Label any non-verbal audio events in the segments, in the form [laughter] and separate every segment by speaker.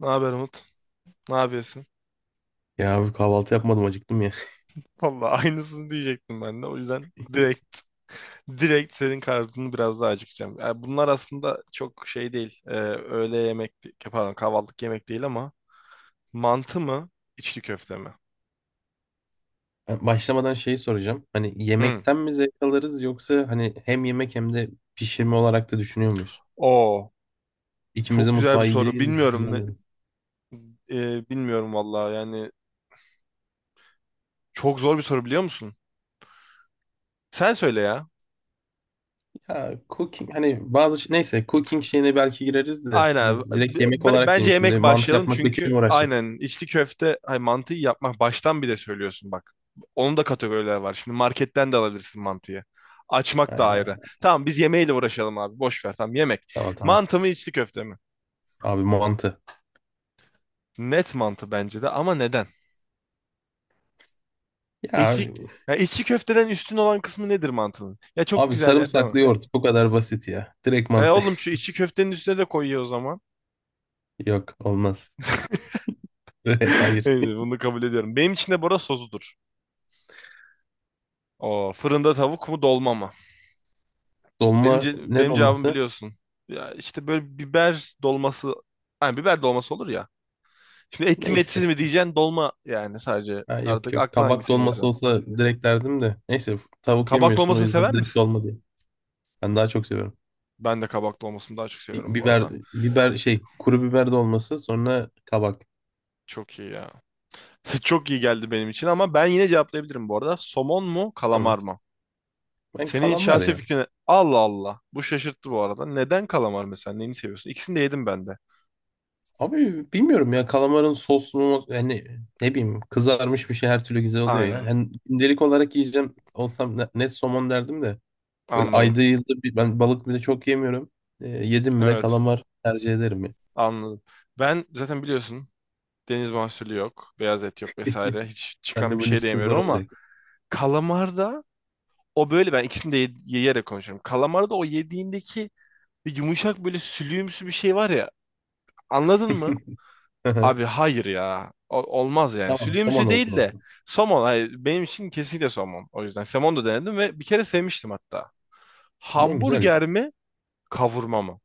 Speaker 1: Ne haber Umut? Ne yapıyorsun?
Speaker 2: Ya abi, kahvaltı yapmadım, acıktım ya. [laughs]
Speaker 1: [laughs] Vallahi aynısını diyecektim ben de. O yüzden direkt senin kartını biraz daha acıkacağım. Yani bunlar aslında çok şey değil. Öğle yemek, pardon kahvaltılık yemek değil ama mantı mı, içli köfte mi?
Speaker 2: Ben başlamadan şeyi soracağım. Hani
Speaker 1: Hmm.
Speaker 2: yemekten mi zevk alırız, yoksa hani hem yemek hem de pişirme olarak da düşünüyor muyuz?
Speaker 1: Oo,
Speaker 2: İkimiz de
Speaker 1: çok güzel bir
Speaker 2: mutfağa
Speaker 1: soru.
Speaker 2: ilgiliyiz. [laughs]
Speaker 1: Bilmiyorum
Speaker 2: Bundan
Speaker 1: ne,
Speaker 2: dedim.
Speaker 1: e, bilmiyorum vallahi. Yani çok zor bir soru biliyor musun? Sen söyle ya.
Speaker 2: Ya cooking, hani bazı şey- neyse cooking şeyine belki gireriz de
Speaker 1: Aynen.
Speaker 2: hani direkt yemek olarak diyeyim,
Speaker 1: Bence yemek
Speaker 2: şimdi mantı
Speaker 1: başlayalım,
Speaker 2: yapmakla
Speaker 1: çünkü
Speaker 2: kim uğraşacak?
Speaker 1: aynen içli köfte hay mantıyı yapmak baştan bir de söylüyorsun bak. Onun da kategoriler var. Şimdi marketten de alabilirsin mantıyı. Açmak da ayrı.
Speaker 2: Ha,
Speaker 1: Tamam, biz yemeğiyle uğraşalım abi. Boş ver, tamam yemek.
Speaker 2: tamam.
Speaker 1: Mantı mı içli köfte mi?
Speaker 2: Abi mantı.
Speaker 1: Net mantı bence de, ama neden?
Speaker 2: Ya
Speaker 1: İçli,
Speaker 2: abi,
Speaker 1: ya içli köfteden üstün olan kısmı nedir mantının? Ya çok
Speaker 2: abi
Speaker 1: güzel yer değil mi?
Speaker 2: sarımsaklı yoğurt, bu kadar basit ya. Direkt
Speaker 1: E
Speaker 2: mantı.
Speaker 1: oğlum, şu içli köftenin üstüne de koyuyor o zaman.
Speaker 2: [laughs] Yok, olmaz. [laughs]
Speaker 1: [laughs]
Speaker 2: Hayır.
Speaker 1: Neyse, bunu kabul ediyorum. Benim için de bora sosudur. O fırında tavuk mu dolma mı? Benim
Speaker 2: Dolma,
Speaker 1: ce-
Speaker 2: ne
Speaker 1: benim cevabım
Speaker 2: dolması?
Speaker 1: biliyorsun. Ya işte böyle biber dolması, hani biber dolması olur ya. Şimdi etli mi
Speaker 2: Neyse.
Speaker 1: etsiz mi diyeceksin, dolma yani sadece.
Speaker 2: Ha, yok
Speaker 1: Artık
Speaker 2: yok.
Speaker 1: aklına
Speaker 2: Kabak
Speaker 1: hangisi gelirse.
Speaker 2: dolması olsa direkt derdim de. Neyse, tavuk
Speaker 1: Kabak
Speaker 2: yemiyorsun, o
Speaker 1: dolmasını
Speaker 2: yüzden
Speaker 1: sever
Speaker 2: direkt
Speaker 1: misin?
Speaker 2: dolma diye. Ben daha çok seviyorum.
Speaker 1: Ben de kabak dolmasını daha çok
Speaker 2: Bi-
Speaker 1: seviyorum bu
Speaker 2: Biber,
Speaker 1: arada.
Speaker 2: biber kuru biber dolması, sonra kabak.
Speaker 1: Çok iyi ya. [laughs] Çok iyi geldi benim için, ama ben yine cevaplayabilirim bu arada. Somon mu,
Speaker 2: Tamam.
Speaker 1: kalamar mı?
Speaker 2: Ben
Speaker 1: Senin
Speaker 2: kalamar
Speaker 1: şahsi
Speaker 2: ya.
Speaker 1: fikrine Allah Allah. Bu şaşırttı bu arada. Neden kalamar mesela? Neyini seviyorsun? İkisini de yedim ben de.
Speaker 2: Abi bilmiyorum ya, kalamarın soslu, yani ne bileyim kızarmış bir şey her türlü güzel oluyor ya.
Speaker 1: Aynen.
Speaker 2: Yani gündelik olarak yiyeceğim olsam, net somon derdim de. Böyle
Speaker 1: Anladım.
Speaker 2: ayda yılda bir, ben balık bile çok yemiyorum. Yedim mi de
Speaker 1: Evet.
Speaker 2: kalamar tercih ederim ya.
Speaker 1: Anladım. Ben zaten biliyorsun, deniz mahsulü yok. Beyaz et yok vesaire.
Speaker 2: [laughs]
Speaker 1: Hiç
Speaker 2: Sen de
Speaker 1: çıkan bir
Speaker 2: bu
Speaker 1: şey de
Speaker 2: liste zor
Speaker 1: yemiyorum, ama
Speaker 2: olacak.
Speaker 1: kalamarda o böyle, ben ikisini de yiyerek konuşuyorum. Kalamarda o yediğindeki bir yumuşak böyle sülüğümsü bir şey var ya. Anladın mı? Abi
Speaker 2: [laughs]
Speaker 1: hayır ya. Olmaz yani.
Speaker 2: Tamam, somon
Speaker 1: Sülüğümsü
Speaker 2: olsun
Speaker 1: değil
Speaker 2: o
Speaker 1: de
Speaker 2: zaman.
Speaker 1: somon. Hayır, benim için kesinlikle somon. O yüzden somon da denedim ve bir kere sevmiştim hatta.
Speaker 2: Aman güzel ya.
Speaker 1: Hamburger mi? Kavurma mı?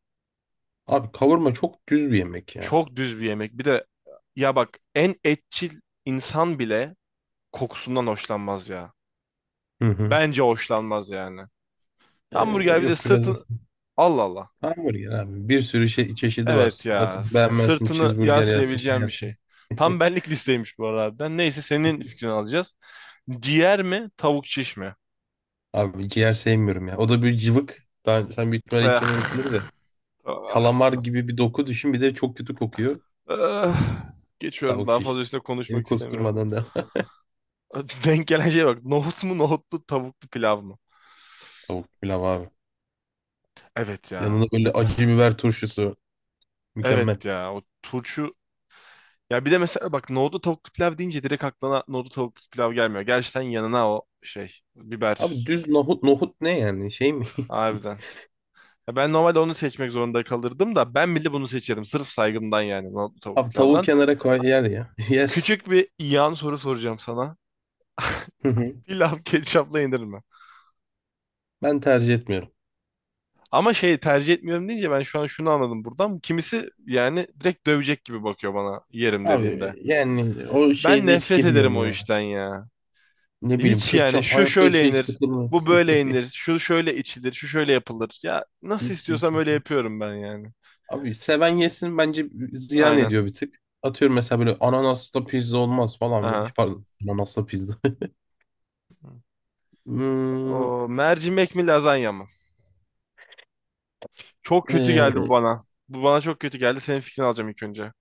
Speaker 2: Abi kavurma çok düz bir yemek ya.
Speaker 1: Çok düz bir yemek. Bir de ya bak, en etçil insan bile kokusundan hoşlanmaz ya.
Speaker 2: Hı hı.
Speaker 1: Bence hoşlanmaz yani. Hamburger bir de
Speaker 2: Yok, biraz da
Speaker 1: sırtın... Allah Allah.
Speaker 2: hamburger abi. Bir sürü çeşidi
Speaker 1: Evet
Speaker 2: var. At,
Speaker 1: ya.
Speaker 2: beğenmezsin
Speaker 1: Sırtını
Speaker 2: cheeseburger yersin, şey
Speaker 1: yaslayabileceğim bir
Speaker 2: yersin.
Speaker 1: şey. Tam
Speaker 2: [laughs]
Speaker 1: benlik [laughs] listeymiş bu arada harbiden. Neyse, senin fikrini alacağız. Ciğer mi? Tavuk şiş mi?
Speaker 2: Abi ciğer sevmiyorum ya. O da bir cıvık. Daha, sen büyük ihtimalle
Speaker 1: Eh,
Speaker 2: hiç yememişsindir de.
Speaker 1: ah,
Speaker 2: Kalamar gibi bir doku düşün, bir de çok kötü kokuyor.
Speaker 1: eh. Geçiyorum.
Speaker 2: Tavuk
Speaker 1: Daha fazla
Speaker 2: şiş.
Speaker 1: üstüne
Speaker 2: Seni
Speaker 1: konuşmak istemiyorum.
Speaker 2: kusturmadan da.
Speaker 1: [laughs] Denk gelen şeye bak. Nohut mu nohutlu tavuklu pilav mı?
Speaker 2: [laughs] Tavuk pilav abi.
Speaker 1: Evet
Speaker 2: Yanında
Speaker 1: ya.
Speaker 2: böyle acı biber turşusu. Mükemmel.
Speaker 1: Evet ya. O turşu... Ya bir de mesela bak, nohutlu tavuklu pilav deyince direkt aklına nohutlu tavuklu pilav gelmiyor. Gerçekten yanına o şey
Speaker 2: Abi
Speaker 1: biber.
Speaker 2: düz nohut ne yani, şey mi?
Speaker 1: Harbiden. Ya ben normalde onu seçmek zorunda kalırdım da, ben bile bunu seçerim. Sırf saygımdan yani, nohutlu
Speaker 2: [laughs]
Speaker 1: tavuk
Speaker 2: Abi tavuğu
Speaker 1: pilavdan.
Speaker 2: kenara koy, yer ya. [laughs] Yersin.
Speaker 1: Küçük bir yan soru soracağım sana. [laughs]
Speaker 2: [laughs]
Speaker 1: Pilav ketçapla yenir mi?
Speaker 2: Ben tercih etmiyorum.
Speaker 1: Ama şey tercih etmiyorum deyince ben şu an şunu anladım buradan. Kimisi yani direkt dövecek gibi bakıyor bana yerim dediğinde.
Speaker 2: Abi yani o
Speaker 1: Ben
Speaker 2: şeye de hiç
Speaker 1: nefret ederim
Speaker 2: girmiyorum
Speaker 1: o
Speaker 2: ya.
Speaker 1: işten ya.
Speaker 2: Ne bileyim,
Speaker 1: Hiç yani,
Speaker 2: ketçap
Speaker 1: şu
Speaker 2: hayatta
Speaker 1: şöyle
Speaker 2: şey
Speaker 1: yenir,
Speaker 2: sıkılmaz.
Speaker 1: bu böyle yenir, şu şöyle içilir, şu şöyle yapılır. Ya nasıl
Speaker 2: Hiç, hiç,
Speaker 1: istiyorsam
Speaker 2: hiç.
Speaker 1: öyle yapıyorum ben yani.
Speaker 2: Abi seven yesin bence, ziyan
Speaker 1: Aynen.
Speaker 2: ediyor bir tık. Atıyorum mesela, böyle ananaslı pizza olmaz falan. Böyle.
Speaker 1: Aha.
Speaker 2: Pardon, ananaslı pizza. [laughs] Hmm,
Speaker 1: O mercimek mi lazanya mı? Çok kötü geldi bu
Speaker 2: e,
Speaker 1: bana. Bu bana çok kötü geldi. Senin fikrini alacağım ilk önce.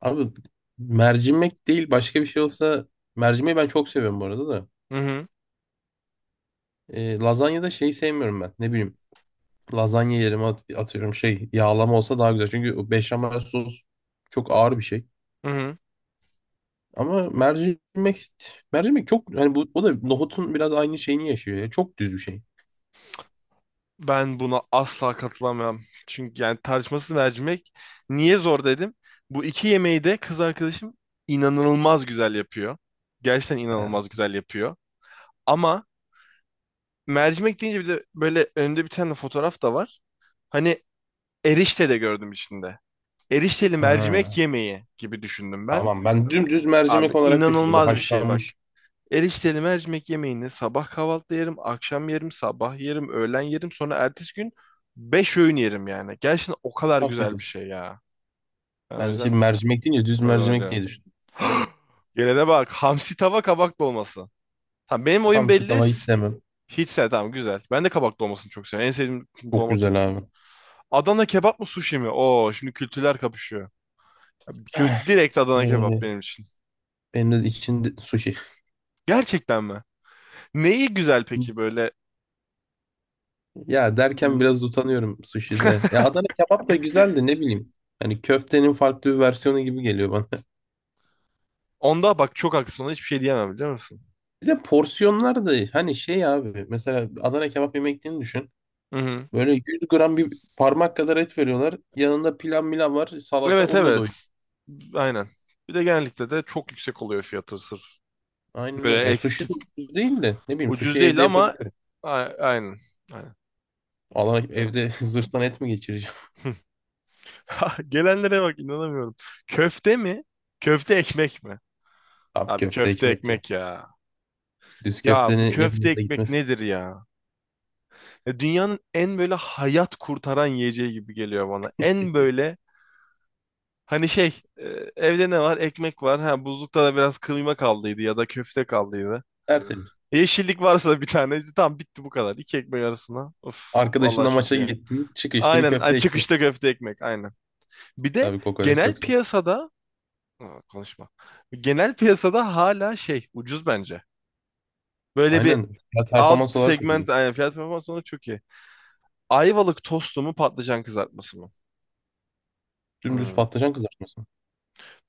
Speaker 2: abi mercimek değil başka bir şey olsa, mercimeği ben çok seviyorum bu arada da.
Speaker 1: Hı hı.
Speaker 2: E, lazanyada şeyi sevmiyorum ben. Ne bileyim, lazanya yerime atıyorum şey yağlama olsa daha güzel. Çünkü o beşamel sos çok ağır bir şey.
Speaker 1: Hı hı.
Speaker 2: Ama mercimek çok hani, bu o da nohutun biraz aynı şeyini yaşıyor ya. Çok düz bir şey.
Speaker 1: Ben buna asla katılamam. Çünkü yani tartışmasız mercimek, niye zor dedim. Bu iki yemeği de kız arkadaşım inanılmaz güzel yapıyor. Gerçekten
Speaker 2: Ha,
Speaker 1: inanılmaz güzel yapıyor. Ama mercimek deyince bir de böyle önünde bir tane fotoğraf da var. Hani erişte de gördüm içinde. Erişteli mercimek
Speaker 2: ha.
Speaker 1: yemeği gibi düşündüm ben.
Speaker 2: Tamam, ben dümdüz mercimek
Speaker 1: Abi
Speaker 2: olarak düşündüm. Bu
Speaker 1: inanılmaz bir şey bak.
Speaker 2: haşlanmış.
Speaker 1: Erişteli mercimek yemeğini sabah kahvaltıda yerim, akşam yerim, sabah yerim, öğlen yerim, sonra ertesi gün 5 öğün yerim yani. Gerçekten o kadar
Speaker 2: Afiyet
Speaker 1: güzel bir
Speaker 2: olsun.
Speaker 1: şey ya. Ben o
Speaker 2: Ben de
Speaker 1: yüzden
Speaker 2: şimdi mercimek deyince
Speaker 1: bu
Speaker 2: düz
Speaker 1: kazanır
Speaker 2: mercimek
Speaker 1: diyorum.
Speaker 2: diye düşündüm.
Speaker 1: [gasps] Gelene bak. Hamsi tava kabak dolması. Tamam, benim oyun
Speaker 2: Hamsi
Speaker 1: belli.
Speaker 2: tavayı sevmem.
Speaker 1: Hiç sen tamam güzel. Ben de kabak dolmasını çok seviyorum. En sevdiğim
Speaker 2: Çok
Speaker 1: dolma
Speaker 2: güzel
Speaker 1: türüdür.
Speaker 2: abi.
Speaker 1: Adana kebap mı sushi mi? Oo, şimdi kültürler kapışıyor. Gö-
Speaker 2: [sighs]
Speaker 1: direkt Adana kebap
Speaker 2: Ee,
Speaker 1: benim için.
Speaker 2: Benim de içinde sushi.
Speaker 1: Gerçekten mi? Neyi güzel peki
Speaker 2: [laughs]
Speaker 1: böyle?
Speaker 2: Ya
Speaker 1: Hmm.
Speaker 2: derken biraz utanıyorum sushi'de. Ya Adana kebap da güzeldi, ne bileyim. Hani köftenin farklı bir versiyonu gibi geliyor bana. [laughs]
Speaker 1: Onda bak çok haklısın. Ona hiçbir şey diyemem biliyor musun?
Speaker 2: Bir de porsiyonlar da, hani şey abi. Mesela Adana kebap yemek yediğini düşün.
Speaker 1: Hı hı.
Speaker 2: Böyle 100 gram, bir parmak kadar et veriyorlar. Yanında pilav milav var. Salata,
Speaker 1: Evet,
Speaker 2: onunla doyuyor.
Speaker 1: evet. Aynen. Bir de genellikle de çok yüksek oluyor fiyatı sırf.
Speaker 2: Aynen öyle.
Speaker 1: Böyle
Speaker 2: E sushi de ucuz değil de. Ne bileyim, sushi
Speaker 1: ucuz
Speaker 2: evde
Speaker 1: değil ama
Speaker 2: yapabilirim.
Speaker 1: a- aynen. Aynen.
Speaker 2: Allah,
Speaker 1: Okey. [laughs]
Speaker 2: evde [laughs] zırhtan et mi geçireceğim?
Speaker 1: Ha, gelenlere bak inanamıyorum. Köfte mi? Köfte ekmek mi?
Speaker 2: [laughs] Abi
Speaker 1: Abi
Speaker 2: köfte
Speaker 1: köfte
Speaker 2: ekmek ya.
Speaker 1: ekmek ya.
Speaker 2: Düz
Speaker 1: Ya bu
Speaker 2: köftenin
Speaker 1: köfte
Speaker 2: yanında
Speaker 1: ekmek
Speaker 2: gitmesi
Speaker 1: nedir ya? Ya dünyanın en böyle hayat kurtaran yiyeceği gibi geliyor bana. En böyle. Hani şey, evde ne var? Ekmek var. Ha, buzlukta da biraz kıyma kaldıydı ya da köfte kaldıydı.
Speaker 2: tertemiz.
Speaker 1: E, yeşillik varsa da bir tane. İşte tamam, bitti bu kadar. İki ekmek arasına. Of, vallahi
Speaker 2: Arkadaşınla
Speaker 1: çok
Speaker 2: maça
Speaker 1: iyi.
Speaker 2: gittin. Çık işte bir
Speaker 1: Aynen ay,
Speaker 2: köfte ekmek.
Speaker 1: çıkışta köfte ekmek aynen. Bir de
Speaker 2: Tabii kokoreç
Speaker 1: genel
Speaker 2: yoksa.
Speaker 1: piyasada... Aa, konuşma. Genel piyasada hala şey ucuz bence. Böyle bir
Speaker 2: Aynen. Ya
Speaker 1: alt
Speaker 2: performans olarak çok iyi.
Speaker 1: segment aynen, fiyat performans olarak çok iyi. Ayvalık tostu mu patlıcan kızartması mı?
Speaker 2: Dümdüz
Speaker 1: Hmm.
Speaker 2: patlıcan kızartması.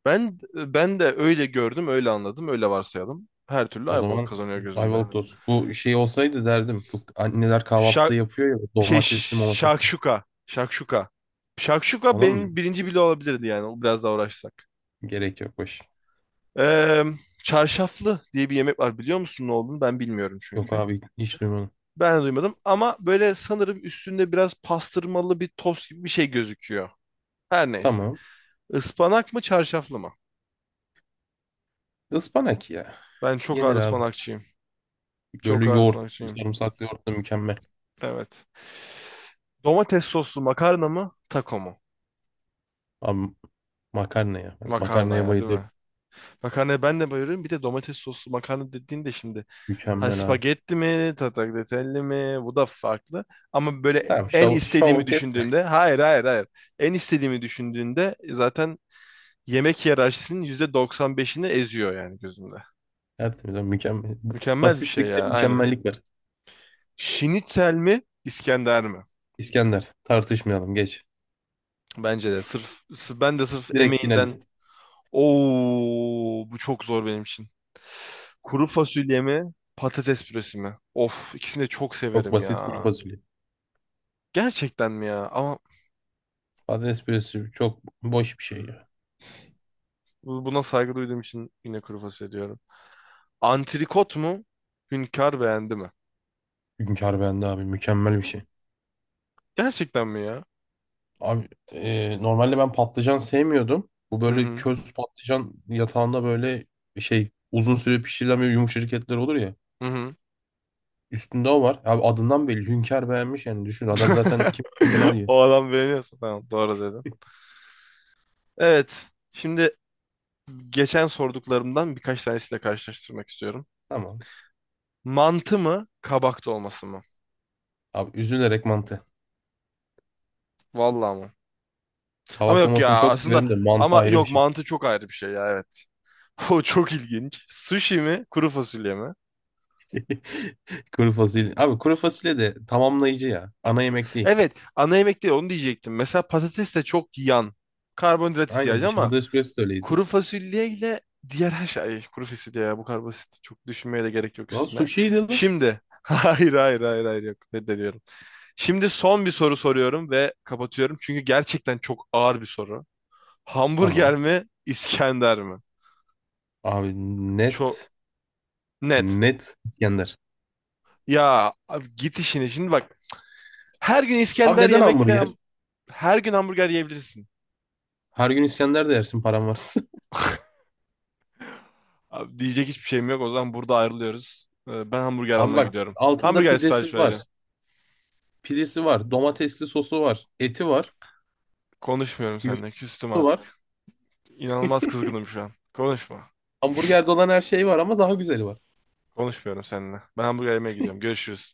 Speaker 1: Ben de öyle gördüm, öyle anladım, öyle varsayalım. Her türlü
Speaker 2: O
Speaker 1: Ayvalık
Speaker 2: zaman
Speaker 1: kazanıyor gözümde.
Speaker 2: Ayvalık tost. Bu şey olsaydı derdim. Bu anneler
Speaker 1: Şa
Speaker 2: kahvaltıda yapıyor ya.
Speaker 1: şey
Speaker 2: Domatesli momatesli.
Speaker 1: şakşuka. Şakşuka. Şakşuka
Speaker 2: Ona mı,
Speaker 1: benim birinci bile olabilirdi yani. O biraz daha uğraşsak.
Speaker 2: gerek yok, boş.
Speaker 1: Ee, çarşaflı diye bir yemek var. Biliyor musun ne olduğunu? Ben bilmiyorum
Speaker 2: Yok
Speaker 1: çünkü.
Speaker 2: abi, hiç duymadım.
Speaker 1: Ben de duymadım, ama böyle sanırım üstünde biraz pastırmalı bir tost gibi bir şey gözüküyor. Her neyse.
Speaker 2: Tamam.
Speaker 1: Ispanak mı çarşaflı mı?
Speaker 2: Ispanak ya.
Speaker 1: Ben çok ağır
Speaker 2: Yenir abi.
Speaker 1: ıspanakçıyım. Çok
Speaker 2: Böyle
Speaker 1: ağır
Speaker 2: yoğurt,
Speaker 1: ıspanakçıyım.
Speaker 2: sarımsaklı yoğurt da mükemmel.
Speaker 1: Evet. Domates soslu makarna mı? Taco mu?
Speaker 2: Abi makarna ya. Ben
Speaker 1: Makarna
Speaker 2: makarnaya
Speaker 1: ya değil
Speaker 2: bayılıyorum.
Speaker 1: mi? Makarnaya ben de bayılıyorum. Bir de domates soslu makarna dediğinde şimdi, ha
Speaker 2: Mükemmel abi.
Speaker 1: spagetti mi, tatakletelli mi, bu da farklı. Ama böyle
Speaker 2: Tamam,
Speaker 1: en
Speaker 2: şovu
Speaker 1: istediğimi
Speaker 2: kes.
Speaker 1: düşündüğümde, hayır hayır hayır. En istediğimi düşündüğünde zaten yemek hiyerarşisinin %95'ini eziyor yani gözümde.
Speaker 2: [laughs] Tertemiz abi, mükemmel.
Speaker 1: Mükemmel bir şey
Speaker 2: Basitlikte
Speaker 1: ya aynen.
Speaker 2: mükemmellik var.
Speaker 1: Şinitzel mi İskender mi?
Speaker 2: İskender, tartışmayalım, geç.
Speaker 1: Bence de sırf, ben de sırf
Speaker 2: Direkt
Speaker 1: emeğinden...
Speaker 2: finalist.
Speaker 1: Oo, bu çok zor benim için. Kuru fasulye mi, patates püresi mi? Of, ikisini de çok
Speaker 2: Çok
Speaker 1: severim ya.
Speaker 2: basit, kuru fasulye.
Speaker 1: Gerçekten mi ya? Ama
Speaker 2: Patates püresi çok boş bir şey ya.
Speaker 1: buna saygı duyduğum için yine kuru fasulye diyorum. Antrikot mu, hünkar beğendi mi?
Speaker 2: Hünkar bende abi, mükemmel bir şey.
Speaker 1: Gerçekten mi ya?
Speaker 2: Abi normalde ben patlıcan sevmiyordum. Bu
Speaker 1: Hı
Speaker 2: böyle
Speaker 1: hı.
Speaker 2: köz patlıcan yatağında böyle uzun süre pişirilen böyle yumuşacık etler olur ya.
Speaker 1: Hı hı.
Speaker 2: Üstünde o var. Abi adından belli. Hünkar beğenmiş yani, düşün. Adam zaten kim bilir neler
Speaker 1: [laughs]
Speaker 2: yiyor.
Speaker 1: O adam beğeniyorsa tamam, doğru dedim. Evet. Şimdi geçen sorduklarımdan birkaç tanesiyle karşılaştırmak istiyorum.
Speaker 2: Tamam.
Speaker 1: Mantı mı, kabak dolması mı?
Speaker 2: Abi, üzülerek mantı.
Speaker 1: Vallahi mı? Ama yok
Speaker 2: Kavaklamasını
Speaker 1: ya
Speaker 2: çok
Speaker 1: aslında,
Speaker 2: severim de mantı
Speaker 1: ama
Speaker 2: ayrı bir
Speaker 1: yok,
Speaker 2: şey.
Speaker 1: mantı çok ayrı bir şey ya, evet. [laughs] O çok ilginç. Sushi mi kuru fasulye mi?
Speaker 2: [laughs] Kuru fasulye. Abi kuru fasulye de tamamlayıcı ya. Ana yemek değil.
Speaker 1: Evet, ana yemek değil, onu diyecektim. Mesela patates de çok yan. Karbonhidrat
Speaker 2: Aynen.
Speaker 1: ihtiyacı,
Speaker 2: İşte
Speaker 1: ama
Speaker 2: patates püresi de öyleydi.
Speaker 1: kuru fasulye ile diğer her şey. Ay, kuru fasulye ya, bu kadar basit. Çok düşünmeye de gerek yok
Speaker 2: Lan
Speaker 1: üstüne.
Speaker 2: sushi'ydi lan.
Speaker 1: Şimdi [laughs] hayır hayır hayır hayır yok, reddediyorum. Şimdi son bir soru soruyorum ve kapatıyorum. Çünkü gerçekten çok ağır bir soru. Hamburger
Speaker 2: Tamam.
Speaker 1: mi İskender mi?
Speaker 2: Abi net.
Speaker 1: Çok net.
Speaker 2: Net İskender.
Speaker 1: Ya abi git işine şimdi bak. Her gün
Speaker 2: Abi
Speaker 1: İskender
Speaker 2: neden
Speaker 1: yemekle
Speaker 2: hamburger?
Speaker 1: her gün hamburger yiyebilirsin.
Speaker 2: Her gün İskender de yersin, param varsa.
Speaker 1: Abi diyecek hiçbir şeyim yok. O zaman burada ayrılıyoruz. Ben
Speaker 2: [laughs]
Speaker 1: hamburger
Speaker 2: Abi
Speaker 1: almaya
Speaker 2: bak,
Speaker 1: gidiyorum.
Speaker 2: altında
Speaker 1: Hamburger sipariş
Speaker 2: pidesi var.
Speaker 1: vereceğim.
Speaker 2: Pidesi var. Domatesli sosu var. Eti var.
Speaker 1: Konuşmuyorum
Speaker 2: Yoğurdu
Speaker 1: seninle. Küstüm
Speaker 2: var.
Speaker 1: artık. İnanılmaz kızgınım şu an. Konuşma.
Speaker 2: Hamburgerde olan her şey var, ama daha güzeli var.
Speaker 1: Konuşmuyorum seninle. Ben hamburger yemeye gidiyorum. Görüşürüz.